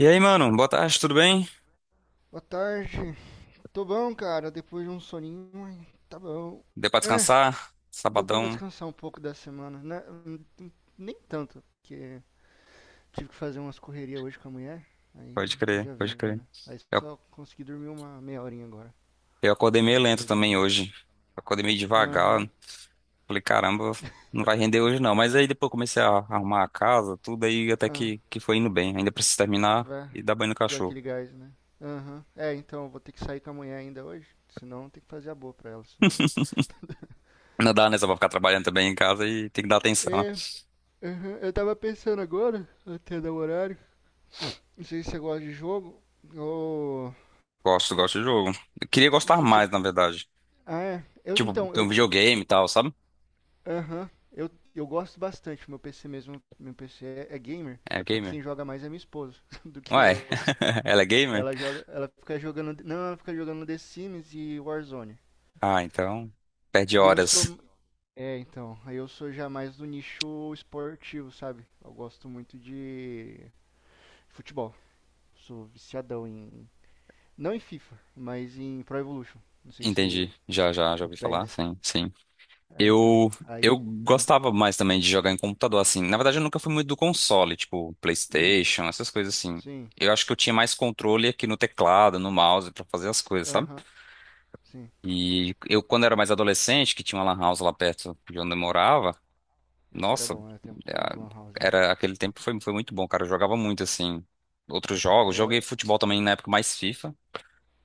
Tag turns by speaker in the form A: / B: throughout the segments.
A: E aí, mano, boa tarde, tudo bem?
B: Boa tarde. Tô bom, cara. Depois de um soninho, mas tá bom.
A: Deu pra
B: É,
A: descansar?
B: deu pra
A: Sabadão,
B: descansar um pouco da semana, né? Hum, nem tanto, porque tive que fazer umas correrias hoje com a mulher.
A: pode
B: Aí
A: crer,
B: já
A: pode
B: viu,
A: crer.
B: né? Aí
A: Eu,
B: só consegui dormir uma meia horinha agora.
A: eu acordei
B: Eu
A: meio lento
B: acordei
A: também
B: agora.
A: hoje. Acordei meio devagar.
B: Aham,
A: Falei, caramba, não vai render hoje não. Mas aí depois comecei a arrumar a casa, tudo aí até
B: ah,
A: que foi indo bem. Ainda preciso terminar
B: vai.
A: e dar banho no
B: Deu
A: cachorro.
B: aquele gás, né? Aham. É, então eu vou ter que sair com a mulher ainda hoje. Senão tem que fazer a boa pra ela, senão.
A: Não dá, né? Só pra ficar trabalhando também em casa e tem que dar atenção, né?
B: É, aham, eu tava pensando agora, até dar o horário. Não sei se você gosta de jogo. O
A: Gosto, gosto de jogo. Eu queria gostar
B: futebol.
A: mais, na verdade.
B: Ah, é. Eu,
A: Tipo,
B: então,
A: tem um
B: eu.
A: videogame e
B: Eu-
A: tal, sabe?
B: Aham. Eu gosto bastante. Meu PC mesmo. Meu PC é gamer.
A: É
B: Só que
A: gamer.
B: quem joga mais é minha esposa do que
A: Ué,
B: eu.
A: ela é gamer?
B: Ela joga. Ela fica jogando. Não, ela fica jogando The Sims e Warzone.
A: Ah, então. Perde
B: E eu
A: horas.
B: sou. É, então. Aí eu sou já mais do nicho esportivo, sabe? Eu gosto muito de futebol. Sou viciadão em. Não em FIFA, mas em Pro Evolution. Não sei
A: Entendi.
B: se
A: Já
B: o
A: ouvi falar.
B: PES.
A: Sim, sim.
B: É, então,
A: Eu,
B: aí.
A: eu
B: Ah,
A: gostava mais também de jogar em computador, assim. Na verdade, eu nunca fui muito do console, tipo
B: hum,
A: PlayStation, essas coisas assim.
B: sim,
A: Eu acho que eu tinha mais controle aqui no teclado, no mouse, pra fazer as coisas, sabe?
B: aham, sim.
A: E eu, quando era mais adolescente, que tinha uma lan house lá perto de onde eu morava,
B: Esse era
A: nossa,
B: bom, era tempo bom de Lan
A: é,
B: House, hein?
A: era aquele tempo foi, muito bom, cara. Eu jogava muito, assim, outros jogos.
B: É,
A: Joguei futebol também na época mais FIFA,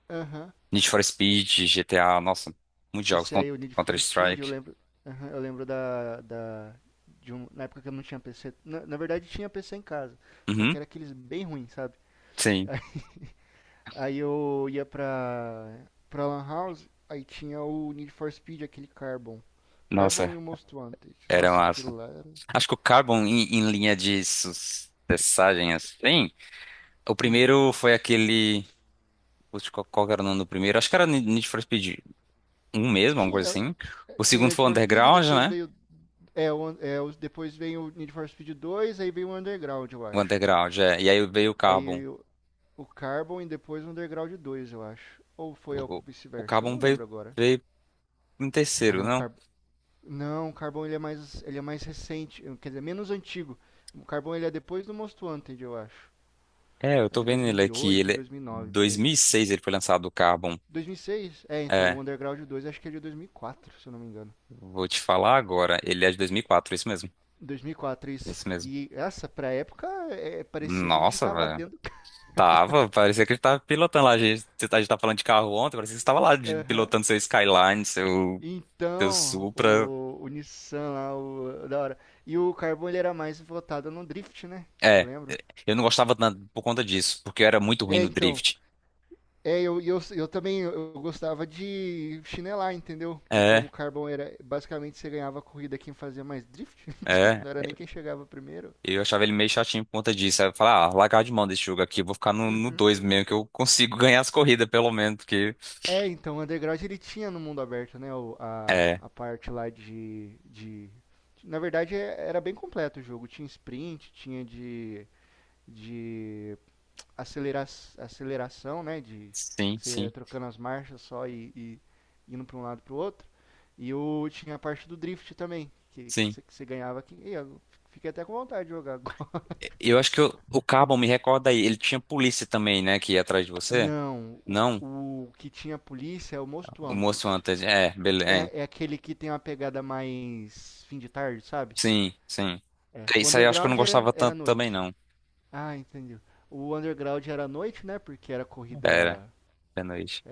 B: aham.
A: Need for Speed, GTA, nossa, muitos jogos,
B: Esse aí, o Need for Speed, eu
A: Counter-Strike.
B: lembro. Aham, eu lembro da. De um, na época que eu não tinha PC. Na verdade, tinha PC em casa. Só que
A: Uhum.
B: era aqueles bem ruins, sabe?
A: Sim,
B: Aí eu ia pra. Pra Lan House, aí tinha o Need for Speed, aquele Carbon. Carbon
A: nossa,
B: e o Most Wanted.
A: era
B: Nossa,
A: massa.
B: aquilo lá era.
A: Acho que o Carbon, em linha de sucessagem, assim, o
B: Hum.
A: primeiro foi aquele. Putz, qual era o nome do primeiro? Acho que era Need for Speed um mesmo, alguma coisa
B: Tinha,
A: assim. O
B: tinha o
A: segundo
B: Need
A: foi o
B: for Speed,
A: Underground,
B: depois
A: né?
B: veio. É, o, é, os- depois vem o Need for Speed 2, aí vem o Underground, eu
A: O
B: acho.
A: Underground, é. E aí veio o Carbon.
B: Aí o Carbon e depois o Underground dois, eu acho. Ou foi ao
A: O, o, o
B: vice-versa,
A: Carbon
B: não
A: veio,
B: lembro agora.
A: veio em
B: Ah,
A: terceiro,
B: não, o
A: não?
B: Carbon. Não, o Carbon ele é mais, ele é mais recente, quer dizer, menos antigo. O Carbon ele é depois do Most Wanted, eu acho.
A: É, eu
B: É
A: tô
B: de
A: vendo ele aqui.
B: 2008, 2009 por aí.
A: 2006 ele foi lançado, o Carbon.
B: 2006? É, então o
A: É,
B: Underground dois acho que é de 2004, se eu não me engano.
A: vou te falar agora. Ele é de 2004, isso mesmo.
B: 2004
A: É isso
B: isso.
A: mesmo.
B: E essa pra época é, parecia que a gente
A: Nossa,
B: tava
A: velho.
B: dentro.
A: Parecia que a gente tava pilotando lá. A gente tava falando de carro ontem, parecia que você tava lá
B: Aham. Uhum.
A: pilotando seu Skyline, seu
B: Então,
A: Supra.
B: o Nissan lá, o, da hora. E o Carbon ele era mais votado no drift, né? Eu
A: É,
B: lembro.
A: eu não gostava tanto por conta disso, porque eu era muito ruim
B: É,
A: no
B: então.
A: drift.
B: É, eu também eu gostava de chinelar, entendeu? E
A: É,
B: como o Carbon era, basicamente você ganhava a corrida quem fazia mais drift,
A: é.
B: não era nem quem chegava primeiro.
A: Eu achava ele meio chatinho por conta disso. Aí eu falava, ah, largar de mão desse jogo aqui, vou ficar no 2 mesmo, que eu consigo ganhar as corridas, pelo menos, porque.
B: É, então, o Underground ele tinha no mundo aberto, né? O-
A: É,
B: a parte lá de. Na verdade, é- era bem completo o jogo. Tinha sprint, tinha de. de acelera aceleração, né? De
A: sim,
B: você
A: sim,
B: trocando as marchas só e indo para um lado para o outro. E eu tinha a parte do drift também, que
A: sim.
B: você ganhava aqui. E eu fiquei até com vontade de jogar agora.
A: Eu acho que o Carbon me recorda aí, ele tinha polícia também, né, que ia atrás de você?
B: Não,
A: Não?
B: o que tinha polícia é o Most
A: O
B: Wanted.
A: moço antes. É, beleza.
B: É, é aquele que tem uma pegada mais fim de tarde, sabe?
A: Sim, sim.
B: É.
A: É,
B: O
A: isso aí eu acho que eu não
B: Underground
A: gostava
B: era, era
A: tanto também,
B: noite.
A: não.
B: Ah, entendi. O Underground era à noite, né? Porque era
A: Era,
B: corrida
A: de noite.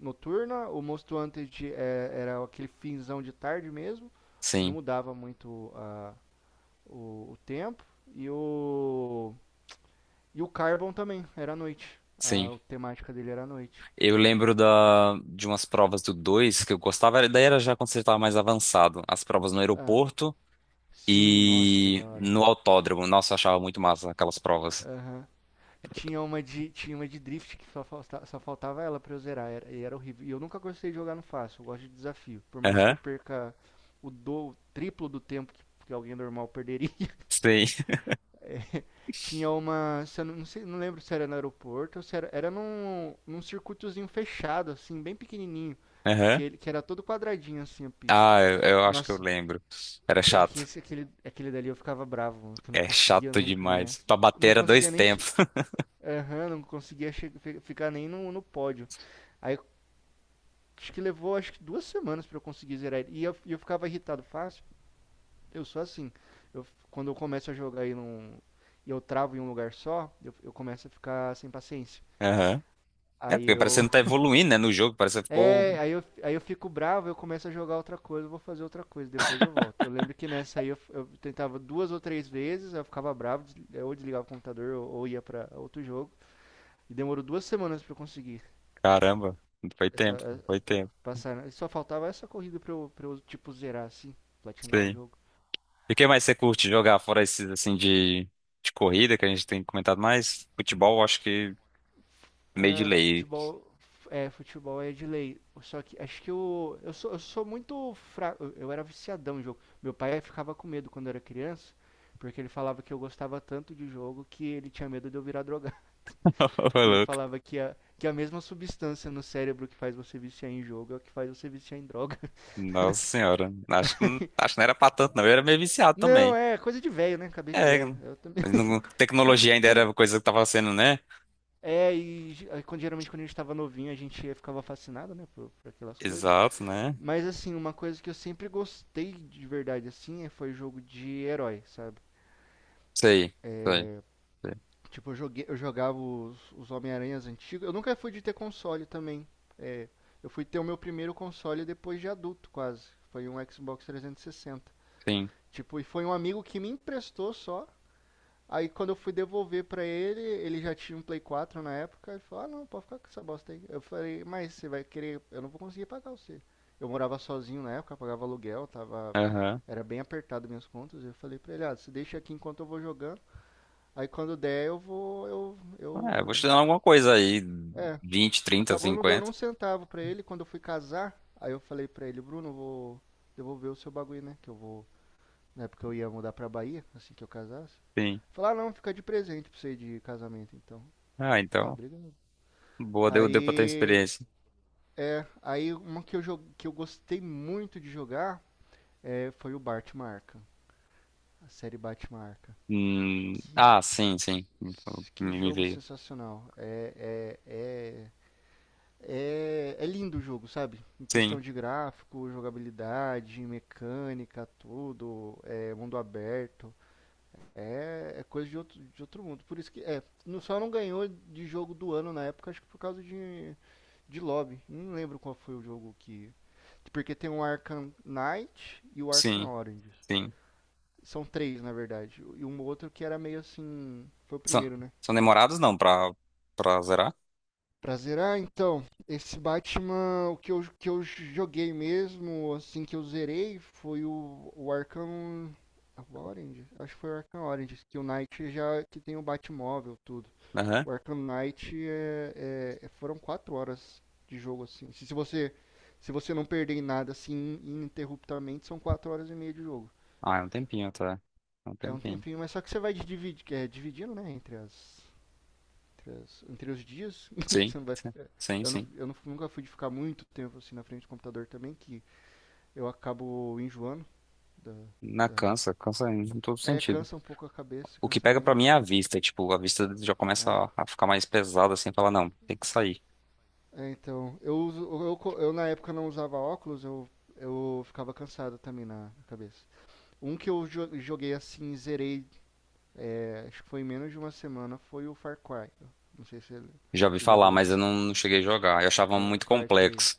B: noturna, o Monstro Hunter é, era aquele finzão de tarde mesmo, não
A: Sim,
B: mudava muito a, o, tempo, e o, e o Carbon também, era à noite,
A: sim.
B: a temática dele era à noite.
A: Eu lembro de umas provas do 2 que eu gostava, daí era já quando você estava mais avançado. As provas no
B: Ah,
A: aeroporto
B: sim, nossa, era
A: e
B: da hora.
A: no autódromo. Nossa, eu achava muito massa aquelas provas.
B: Aham. Tinha uma de, tinha uma de drift que só, falta, só faltava ela para eu zerar, era, e era horrível. E eu nunca gostei de jogar no fácil, eu gosto de desafio, por mais que eu
A: Aham,
B: perca o do o triplo do tempo que alguém normal perderia.
A: sim.
B: Tinha uma. Se eu não, não sei, não lembro se era no aeroporto ou se era. Era num, num circuitozinho fechado, assim, bem pequenininho. Que,
A: Aham.
B: ele, que era todo quadradinho, assim, a pista.
A: Ah, eu acho que eu
B: Nossa,
A: lembro. Era
B: é aqui,
A: chato.
B: esse, aquele, aquele dali eu ficava bravo, que eu não
A: É
B: conseguia
A: chato
B: nunca ganhar.
A: demais. Pra bater
B: Não
A: era dois
B: conseguia nem. Che-
A: tempos.
B: aham, não conseguia che- fi- ficar nem no, no pódio. Aí acho que levou, acho que duas semanas pra eu conseguir zerar ele. E eu ficava irritado fácil. Eu sou assim. Eu, quando eu começo a jogar e, não, e eu travo em um lugar só, eu começo a ficar sem paciência.
A: Aham. É,
B: Aí
A: porque parece que
B: eu.
A: não tá evoluindo, né, no jogo. Parece que ficou.
B: É, aí eu fico bravo, eu começo a jogar outra coisa, eu vou fazer outra coisa, depois eu volto. Eu lembro que nessa aí eu tentava duas ou três vezes, aí eu ficava bravo, des- eu ou desligava o computador ou ia pra outro jogo. E demorou duas semanas pra eu conseguir
A: Caramba, foi
B: essa,
A: tempo,
B: a-
A: foi
B: pa-
A: tempo.
B: passar. E só faltava essa corrida pra eu, tipo, zerar assim, platinar o
A: Sim.
B: jogo.
A: E o que mais você curte jogar fora esses assim de corrida que a gente tem comentado mais? Futebol, eu acho que meio de
B: É,
A: lei.
B: futebol, é, futebol é de lei. Só que acho que eu sou muito fraco. Eu era viciadão em jogo. Meu pai ficava com medo quando eu era criança, porque ele falava que eu gostava tanto de jogo que ele tinha medo de eu virar drogado.
A: Ô,
B: Porque ele
A: louco.
B: falava que a mesma substância no cérebro que faz você viciar em jogo é o que faz você viciar em droga.
A: Nossa senhora. Acho que não era pra tanto, não. Eu era meio viciado
B: Não,
A: também.
B: é coisa de velho, né? Cabeça de
A: É,
B: velho. Eu também. Um,
A: tecnologia ainda
B: por um,
A: era coisa que tava sendo, né?
B: é, e ge- aí, quando, geralmente quando a gente tava novinho, a gente ficava fascinado, né, por aquelas coisas.
A: Exato, né?
B: Mas assim, uma coisa que eu sempre gostei de verdade assim é- foi jogo de herói, sabe?
A: Sei, sei, sei.
B: Tipo, eu joguei, eu jogava os Homem-Aranhas antigos. Eu nunca fui de ter console também. É, eu fui ter o meu primeiro console depois de adulto, quase. Foi um Xbox 360.
A: Sim.
B: Tipo, e foi um amigo que me emprestou só. Aí quando eu fui devolver pra ele, ele já tinha um Play 4 na época, ele falou, ah não, pode ficar com essa bosta aí. Eu falei, mas você vai querer, eu não vou conseguir pagar você. Eu morava sozinho na época, pagava aluguel, tava.
A: Aham.
B: Era bem apertado minhas contas. Eu falei pra ele, ah, você deixa aqui enquanto eu vou jogando. Aí quando der eu vou. Eu.
A: É, vou te
B: Eu.
A: dando alguma coisa aí.
B: É.
A: 20, 30,
B: Acabou não dando
A: 50.
B: um centavo pra ele. Quando eu fui casar, aí eu falei pra ele, Bruno, eu vou devolver o seu bagulho, né? Que eu vou, na época eu ia mudar pra Bahia, assim que eu casasse.
A: Sim.
B: Falar, ah, não, fica de presente pra você de casamento, então.
A: Ah,
B: Falei, ah,
A: então.
B: obrigado.
A: Boa, deu pra ter
B: Aí,
A: experiência.
B: é, aí uma que eu, jo- que eu gostei muito de jogar é, foi o Batman Arkham, a série Batman Arkham. Que,
A: Ah, sim, sim.
B: que
A: Me
B: jogo
A: veio.
B: sensacional. É lindo o jogo, sabe? Em
A: Sim,
B: questão de gráfico, jogabilidade, mecânica, tudo, é, mundo aberto. É, é coisa de outro mundo. Por isso que. É, não- só não ganhou de jogo do ano na época, acho que por causa de lobby. Não lembro qual foi o jogo que. Porque tem o Arkham Knight e o Arkham
A: sim,
B: Origins.
A: sim.
B: São três, na verdade. E um outro que era meio assim. Foi o
A: São,
B: primeiro, né?
A: são demorados não pra zerar?
B: Pra zerar, então, esse Batman, o que eu joguei mesmo, assim, que eu zerei, foi o Arkham Orange. Acho que foi o Arkham Orange, que o Knight já que tem o Batmóvel, tudo.
A: Aham.
B: O Arkham Knight é, é- é, foram quatro horas de jogo, assim. Se você, se você não perder em nada, assim, ininterruptamente, são quatro horas e meia de jogo.
A: Ah, é um tempinho até. É um
B: É um
A: tempinho.
B: tempinho, mas só que você vai dividir, é, dividindo, né, entre as, entre, as- entre os dias.
A: Sim,
B: Você não vai,
A: sim, sim. Sim.
B: eu não- nunca fui de ficar muito tempo, assim, na frente do computador também, que eu acabo enjoando da...
A: Na
B: Da-
A: cansa, cansa em todo
B: é,
A: sentido.
B: cansa um pouco a cabeça,
A: O que
B: cansa a
A: pega pra mim
B: mente.
A: é a vista. Tipo, a vista já começa
B: É.
A: a ficar mais pesada assim, falar, não, tem que sair.
B: É, então, eu uso, eu na época não usava óculos, eu ficava cansado também na na cabeça. Um que eu jo- joguei assim, zerei, é, acho que foi em menos de uma semana, foi o Far Cry. Não sei se ele-
A: Já ouvi
B: você já
A: falar,
B: viu
A: mas
B: esse.
A: eu não cheguei a jogar. Eu achava
B: Far
A: muito
B: Cry três.
A: complexo.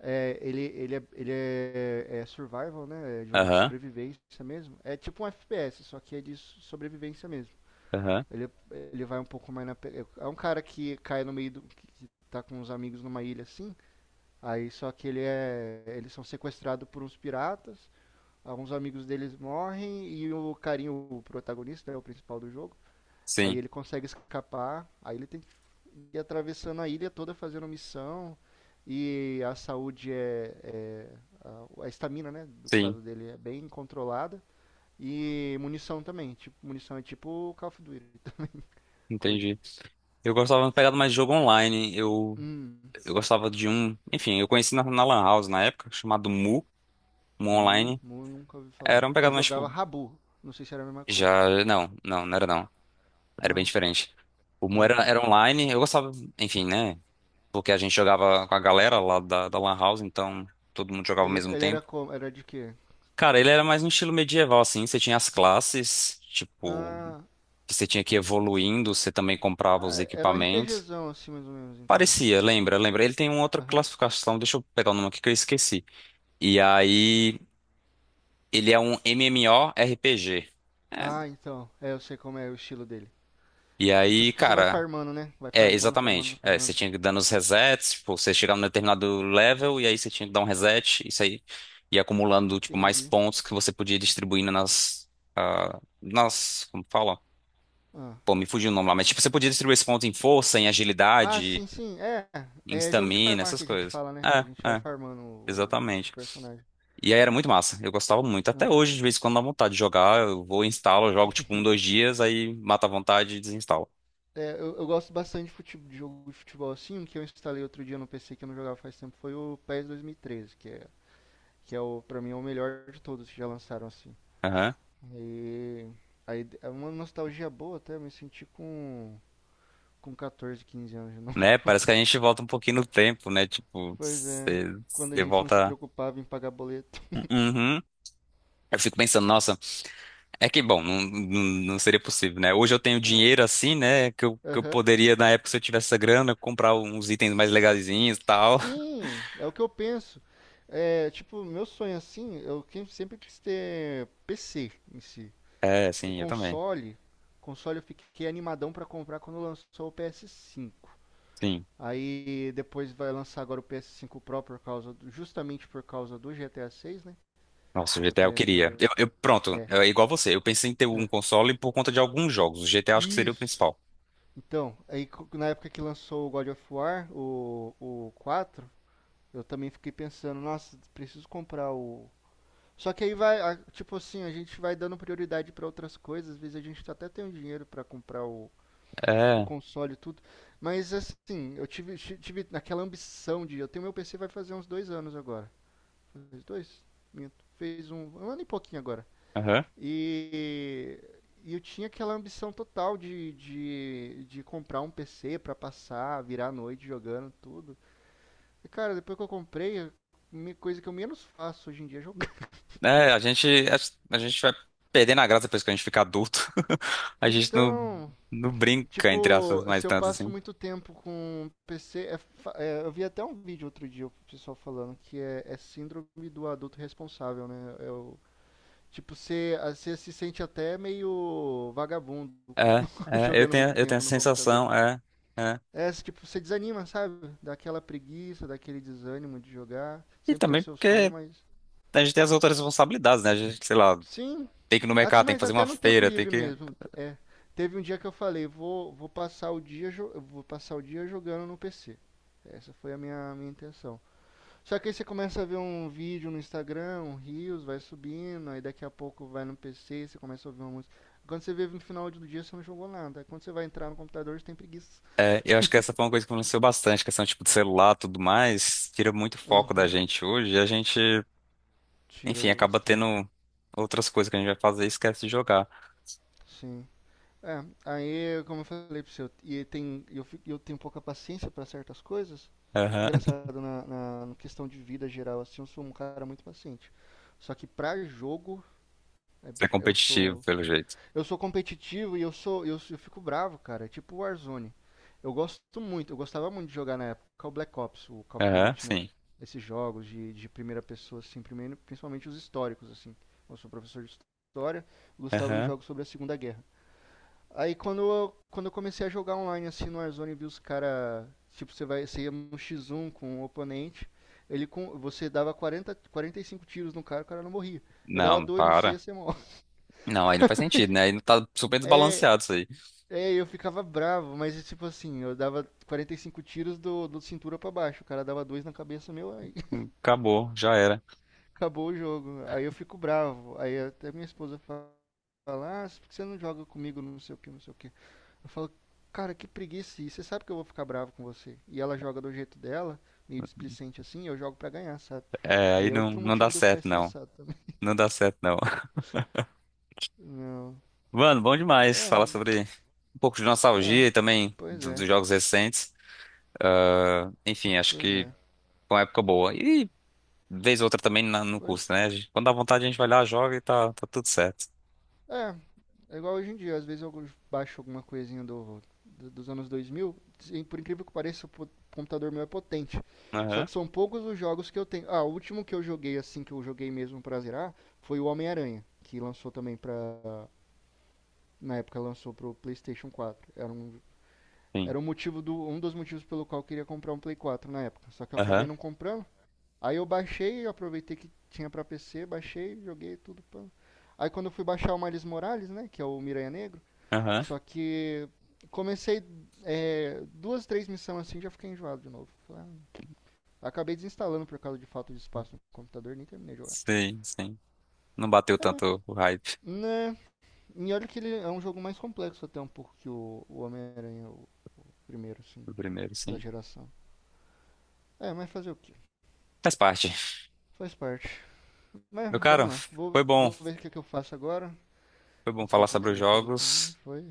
B: É, ele, ele é, é survival, né? É jogo de
A: Aham,
B: sobrevivência mesmo. É tipo um FPS, só que é de so- sobrevivência mesmo.
A: aham.
B: Ele, ele vai um pouco mais na. Pe- é um cara que cai no meio do. Que tá com os amigos numa ilha assim. Aí só que ele é, eles são sequestrados por uns piratas, alguns amigos deles morrem e o carinho, o protagonista, é o principal do jogo. Aí
A: Sim,
B: ele consegue escapar, aí ele tem que ir atravessando a ilha toda fazendo missão e a saúde é, é a estamina, né, do
A: sim.
B: caso dele é bem controlada e munição também, tipo, munição é tipo o Call of Duty, Code.
A: Entendi. Eu gostava de pegar mais de jogo online. Eu,
B: Hum,
A: eu gostava de um. Enfim, eu conheci na Lan House na época, chamado Mu. Um
B: Mu,
A: online,
B: Mu eu nunca ouvi falar.
A: era um
B: Eu
A: pegado mais,
B: jogava
A: tipo,
B: Rabu, não sei se era a mesma coisa.
A: já, não, não, não era não, era bem
B: Não.
A: diferente. O Mu era,
B: Aham.
A: era online, eu gostava, enfim, né, porque a gente jogava com a galera lá da Lan House, então todo mundo jogava ao
B: Ele,
A: mesmo
B: ele era
A: tempo.
B: como? Era de quê?
A: Cara, ele era mais um estilo medieval, assim, você tinha as classes, tipo,
B: Ah,
A: que você tinha que ir evoluindo, você também comprava os
B: ah, era um
A: equipamentos.
B: RPGzão assim, mais ou menos, então.
A: Parecia, lembra, lembra. Ele tem uma outra
B: Aham.
A: classificação, deixa eu pegar o nome aqui que eu esqueci. E aí, ele é um MMORPG.
B: Ah, então. É, eu sei como é o estilo dele.
A: E
B: É
A: aí,
B: tipo que você vai
A: cara,
B: farmando, né? Vai
A: é,
B: farmando, farmando,
A: exatamente. É, você
B: farmando.
A: tinha que dar nos resets, tipo, você chegava num determinado level e aí você tinha que dar um reset, isso aí ia acumulando, tipo, mais
B: Entendi.
A: pontos que você podia distribuindo nas, como fala?
B: Ah,
A: Pô, me fugiu o nome lá, mas tipo, você podia distribuir esses pontos em força, em
B: ah
A: agilidade,
B: sim, sim. É,
A: em
B: é jogo de
A: stamina,
B: farmar
A: essas
B: que a gente
A: coisas.
B: fala, né?
A: É,
B: A gente vai
A: é,
B: o
A: exatamente.
B: personagem.
A: E aí era muito massa, eu gostava muito. Até
B: Aham.
A: hoje, de vez em quando, dá vontade de jogar, eu vou, instalo, jogo tipo um, dois dias, aí mata a vontade e desinstalo.
B: É, eu gosto bastante de, de jogo de futebol assim. Um que eu instalei outro dia no PC que eu não jogava faz tempo foi o PES 2013, que é o, pra mim, é o melhor de todos que já lançaram assim. E aí é uma nostalgia boa até, eu me senti com 14, 15 anos de novo.
A: Né? Parece que a gente volta um pouquinho no tempo, né? Tipo,
B: Pois é,
A: você
B: quando a
A: você
B: gente não se
A: volta.
B: preocupava em pagar boleto.
A: Uhum. Eu fico pensando, nossa, é que bom, não, não, não seria possível, né? Hoje eu tenho
B: Ah.
A: dinheiro assim, né? Que eu
B: Aham.
A: poderia, na época, se eu tivesse essa grana, comprar uns itens mais legazinhos e tal.
B: Sim, é o que eu penso. É, tipo, meu sonho assim, sempre quis ter PC em si.
A: É,
B: É
A: sim, eu também.
B: console. Console eu fiquei animadão pra comprar quando lançou o ps cinco.
A: Sim.
B: Aí depois vai lançar agora o ps cinco Pro por causa justamente por causa do GTA seis, né?
A: Nossa,
B: Que
A: o
B: eu tô
A: GTA eu
B: querendo
A: queria.
B: jogar
A: Eu,
B: também.
A: eu- pronto,
B: É.
A: é igual você. Eu pensei em ter um
B: É.
A: console por conta de alguns jogos. O GTA acho que seria o
B: Isso.
A: principal.
B: Então, na época que lançou o God of War, o quatro, eu também fiquei pensando, nossa, preciso comprar o. Só que aí vai, tipo assim, a gente vai dando prioridade pra outras coisas, às vezes a gente até tem o dinheiro pra o
A: É.
B: console e tudo. Mas assim, tive aquela ambição de. Eu tenho meu PC vai fazer uns dois anos agora. Fez dois? Minto. Fez um ano e pouquinho agora.
A: Aham.
B: E, e eu tinha aquela ambição total de comprar um PC pra passar, virar a noite jogando tudo. E cara, depois que eu comprei, coisa que eu menos faço hoje em dia é jogar.
A: É, a gente vai perdendo a graça depois que a gente fica adulto. A gente não,
B: Então,
A: não brinca, entre aspas,
B: tipo,
A: mais
B: se eu
A: tanto
B: passo
A: assim.
B: muito tempo com PC, é eu vi até um vídeo outro dia o pessoal falando que é síndrome do adulto responsável, né? Tipo, você se sente até meio vagabundo com-
A: É, é, eu
B: jogando
A: tenho,
B: muito
A: eu tenho
B: tempo
A: essa
B: no computador.
A: sensação, é, é.
B: É, tipo, você desanima, sabe? Daquela preguiça, daquele desânimo de jogar.
A: E
B: Sempre foi
A: também
B: seu sonho,
A: porque
B: mas.
A: a gente tem as outras responsabilidades, né? A gente, sei lá,
B: Sim,
A: tem que ir no mercado, tem que
B: mas
A: fazer
B: até
A: uma
B: no tempo
A: feira, tem
B: livre
A: que.
B: mesmo. É, teve um dia que eu falei, vou passar o dia, eu vou passar o dia jogando no PC. Essa foi a minha intenção. Só que aí você começa a ver um vídeo no Instagram, um Reels, vai subindo, aí daqui a pouco vai no PC, você começa a ouvir uma música. Quando você vê no final do dia, você não jogou nada. Aí quando você vai entrar no computador, você tem preguiça.
A: É, eu acho que essa foi uma coisa que influenciou bastante, questão tipo de celular, e tudo mais, tira muito foco da
B: Uhum,
A: gente hoje, e a gente,
B: tira
A: enfim, acaba
B: bastante.
A: tendo outras coisas que a gente vai fazer e esquece de jogar.
B: Sim. É, aí, como eu falei pra você, e tem, eu tenho pouca paciência pra certas coisas.
A: Aham.
B: Engraçado, na questão de vida geral, assim, eu sou um cara muito paciente. Só que pra jogo, é-
A: Ser
B: eu
A: competitivo,
B: sou,
A: pelo jeito.
B: eu sou competitivo e eu sou, eu fico bravo, cara. É tipo Warzone. Eu gosto muito, eu gostava muito de jogar na época o Black Ops, o Call of
A: Aham,
B: Duty, né?
A: sim.
B: Esses jogos de primeira pessoa, assim, primeiro, principalmente os históricos, assim. Eu sou professor de história, gostava dos
A: Aham.
B: jogos sobre a Segunda Guerra. Aí quando eu comecei a jogar online assim no Warzone, eu vi os cara, tipo, você ia no X1 com o oponente, você dava 40, 45 tiros no cara, o cara não morria. Ele dava
A: Não,
B: dois no
A: para.
B: C, você morre.
A: Não, aí não faz sentido, né? Aí não tá super
B: É,
A: desbalanceado isso aí.
B: eu ficava bravo, mas tipo assim, eu dava 45 tiros do cintura pra baixo, o cara dava dois na cabeça meu, aí
A: Acabou, já era.
B: acabou o jogo. Aí eu fico bravo. Aí até minha esposa fala: "Ah, por que você não joga comigo, não sei o que, não sei o que". Eu falo, cara, que preguiça. E você sabe que eu vou ficar bravo com você. E ela joga do jeito dela, meio displicente assim, e eu jogo pra ganhar, sabe?
A: É,
B: Aí
A: aí
B: é
A: não,
B: outro
A: não dá
B: motivo de eu ficar
A: certo, não.
B: estressado também.
A: Não dá certo, não.
B: Não.
A: Mano, bom demais
B: É,
A: falar sobre um pouco de
B: é,
A: nostalgia e também
B: pois
A: dos
B: é,
A: jogos recentes. Ah, enfim, acho
B: pois
A: que
B: é.
A: foi uma época boa. E vez ou outra também no
B: Foi?
A: curso, né? Quando dá vontade, a gente vai lá, joga e tá tudo certo.
B: É, é igual hoje em dia. Às vezes eu baixo alguma coisinha dos anos 2000. E por incrível que pareça, computador meu é potente. Só
A: Aham.
B: que são poucos os jogos que eu tenho. Ah, o último que eu joguei, assim, que eu joguei mesmo pra zerar, foi o Homem-Aranha, que lançou também na época lançou pro PlayStation quatro.
A: Sim.
B: Era um motivo do, um dos motivos pelo qual eu queria comprar um Play 4 na época. Só que eu acabei
A: Aham.
B: não comprando. Aí eu baixei, aproveitei que tinha pra PC, baixei, joguei tudo. Pá. Aí quando eu fui baixar o Miles Morales, né, que é o Miranha Negro,
A: Aham.
B: só que comecei é, duas, três missões assim já fiquei enjoado de novo. Falei, ah, acabei desinstalando por causa de falta de espaço no computador, nem terminei de jogar.
A: Sim, sim. Não bateu
B: É mesmo.
A: tanto o hype
B: Né? E olha que ele é um jogo mais complexo até um pouco que o Homem-Aranha, o primeiro, assim.
A: do primeiro,
B: Da
A: sim.
B: geração. É, mas fazer o quê?
A: Faz parte.
B: Faz parte. Mas
A: Meu caro,
B: vamos lá.
A: foi
B: Vou,
A: bom.
B: vou ver o que, é que eu faço agora.
A: Foi bom
B: Não sei
A: falar
B: o que, é que
A: sobre
B: você
A: os
B: vai fazer também.
A: jogos.
B: Foi.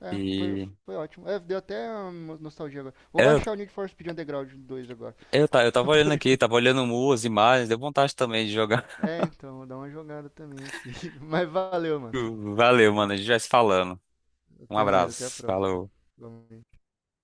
B: É, foi,
A: E
B: foi ótimo. É, deu até nostalgia agora. Vou
A: é, eu,
B: baixar o Need for Speed Underground dois agora.
A: eu tava olhando aqui, tava olhando as imagens, deu vontade também de jogar.
B: É, então, vou dar uma jogada também aqui. Mas valeu, mano.
A: Valeu, mano. A gente vai se falando. Um
B: Até mais, até a
A: abraço.
B: próxima.
A: Falou.
B: Vamos.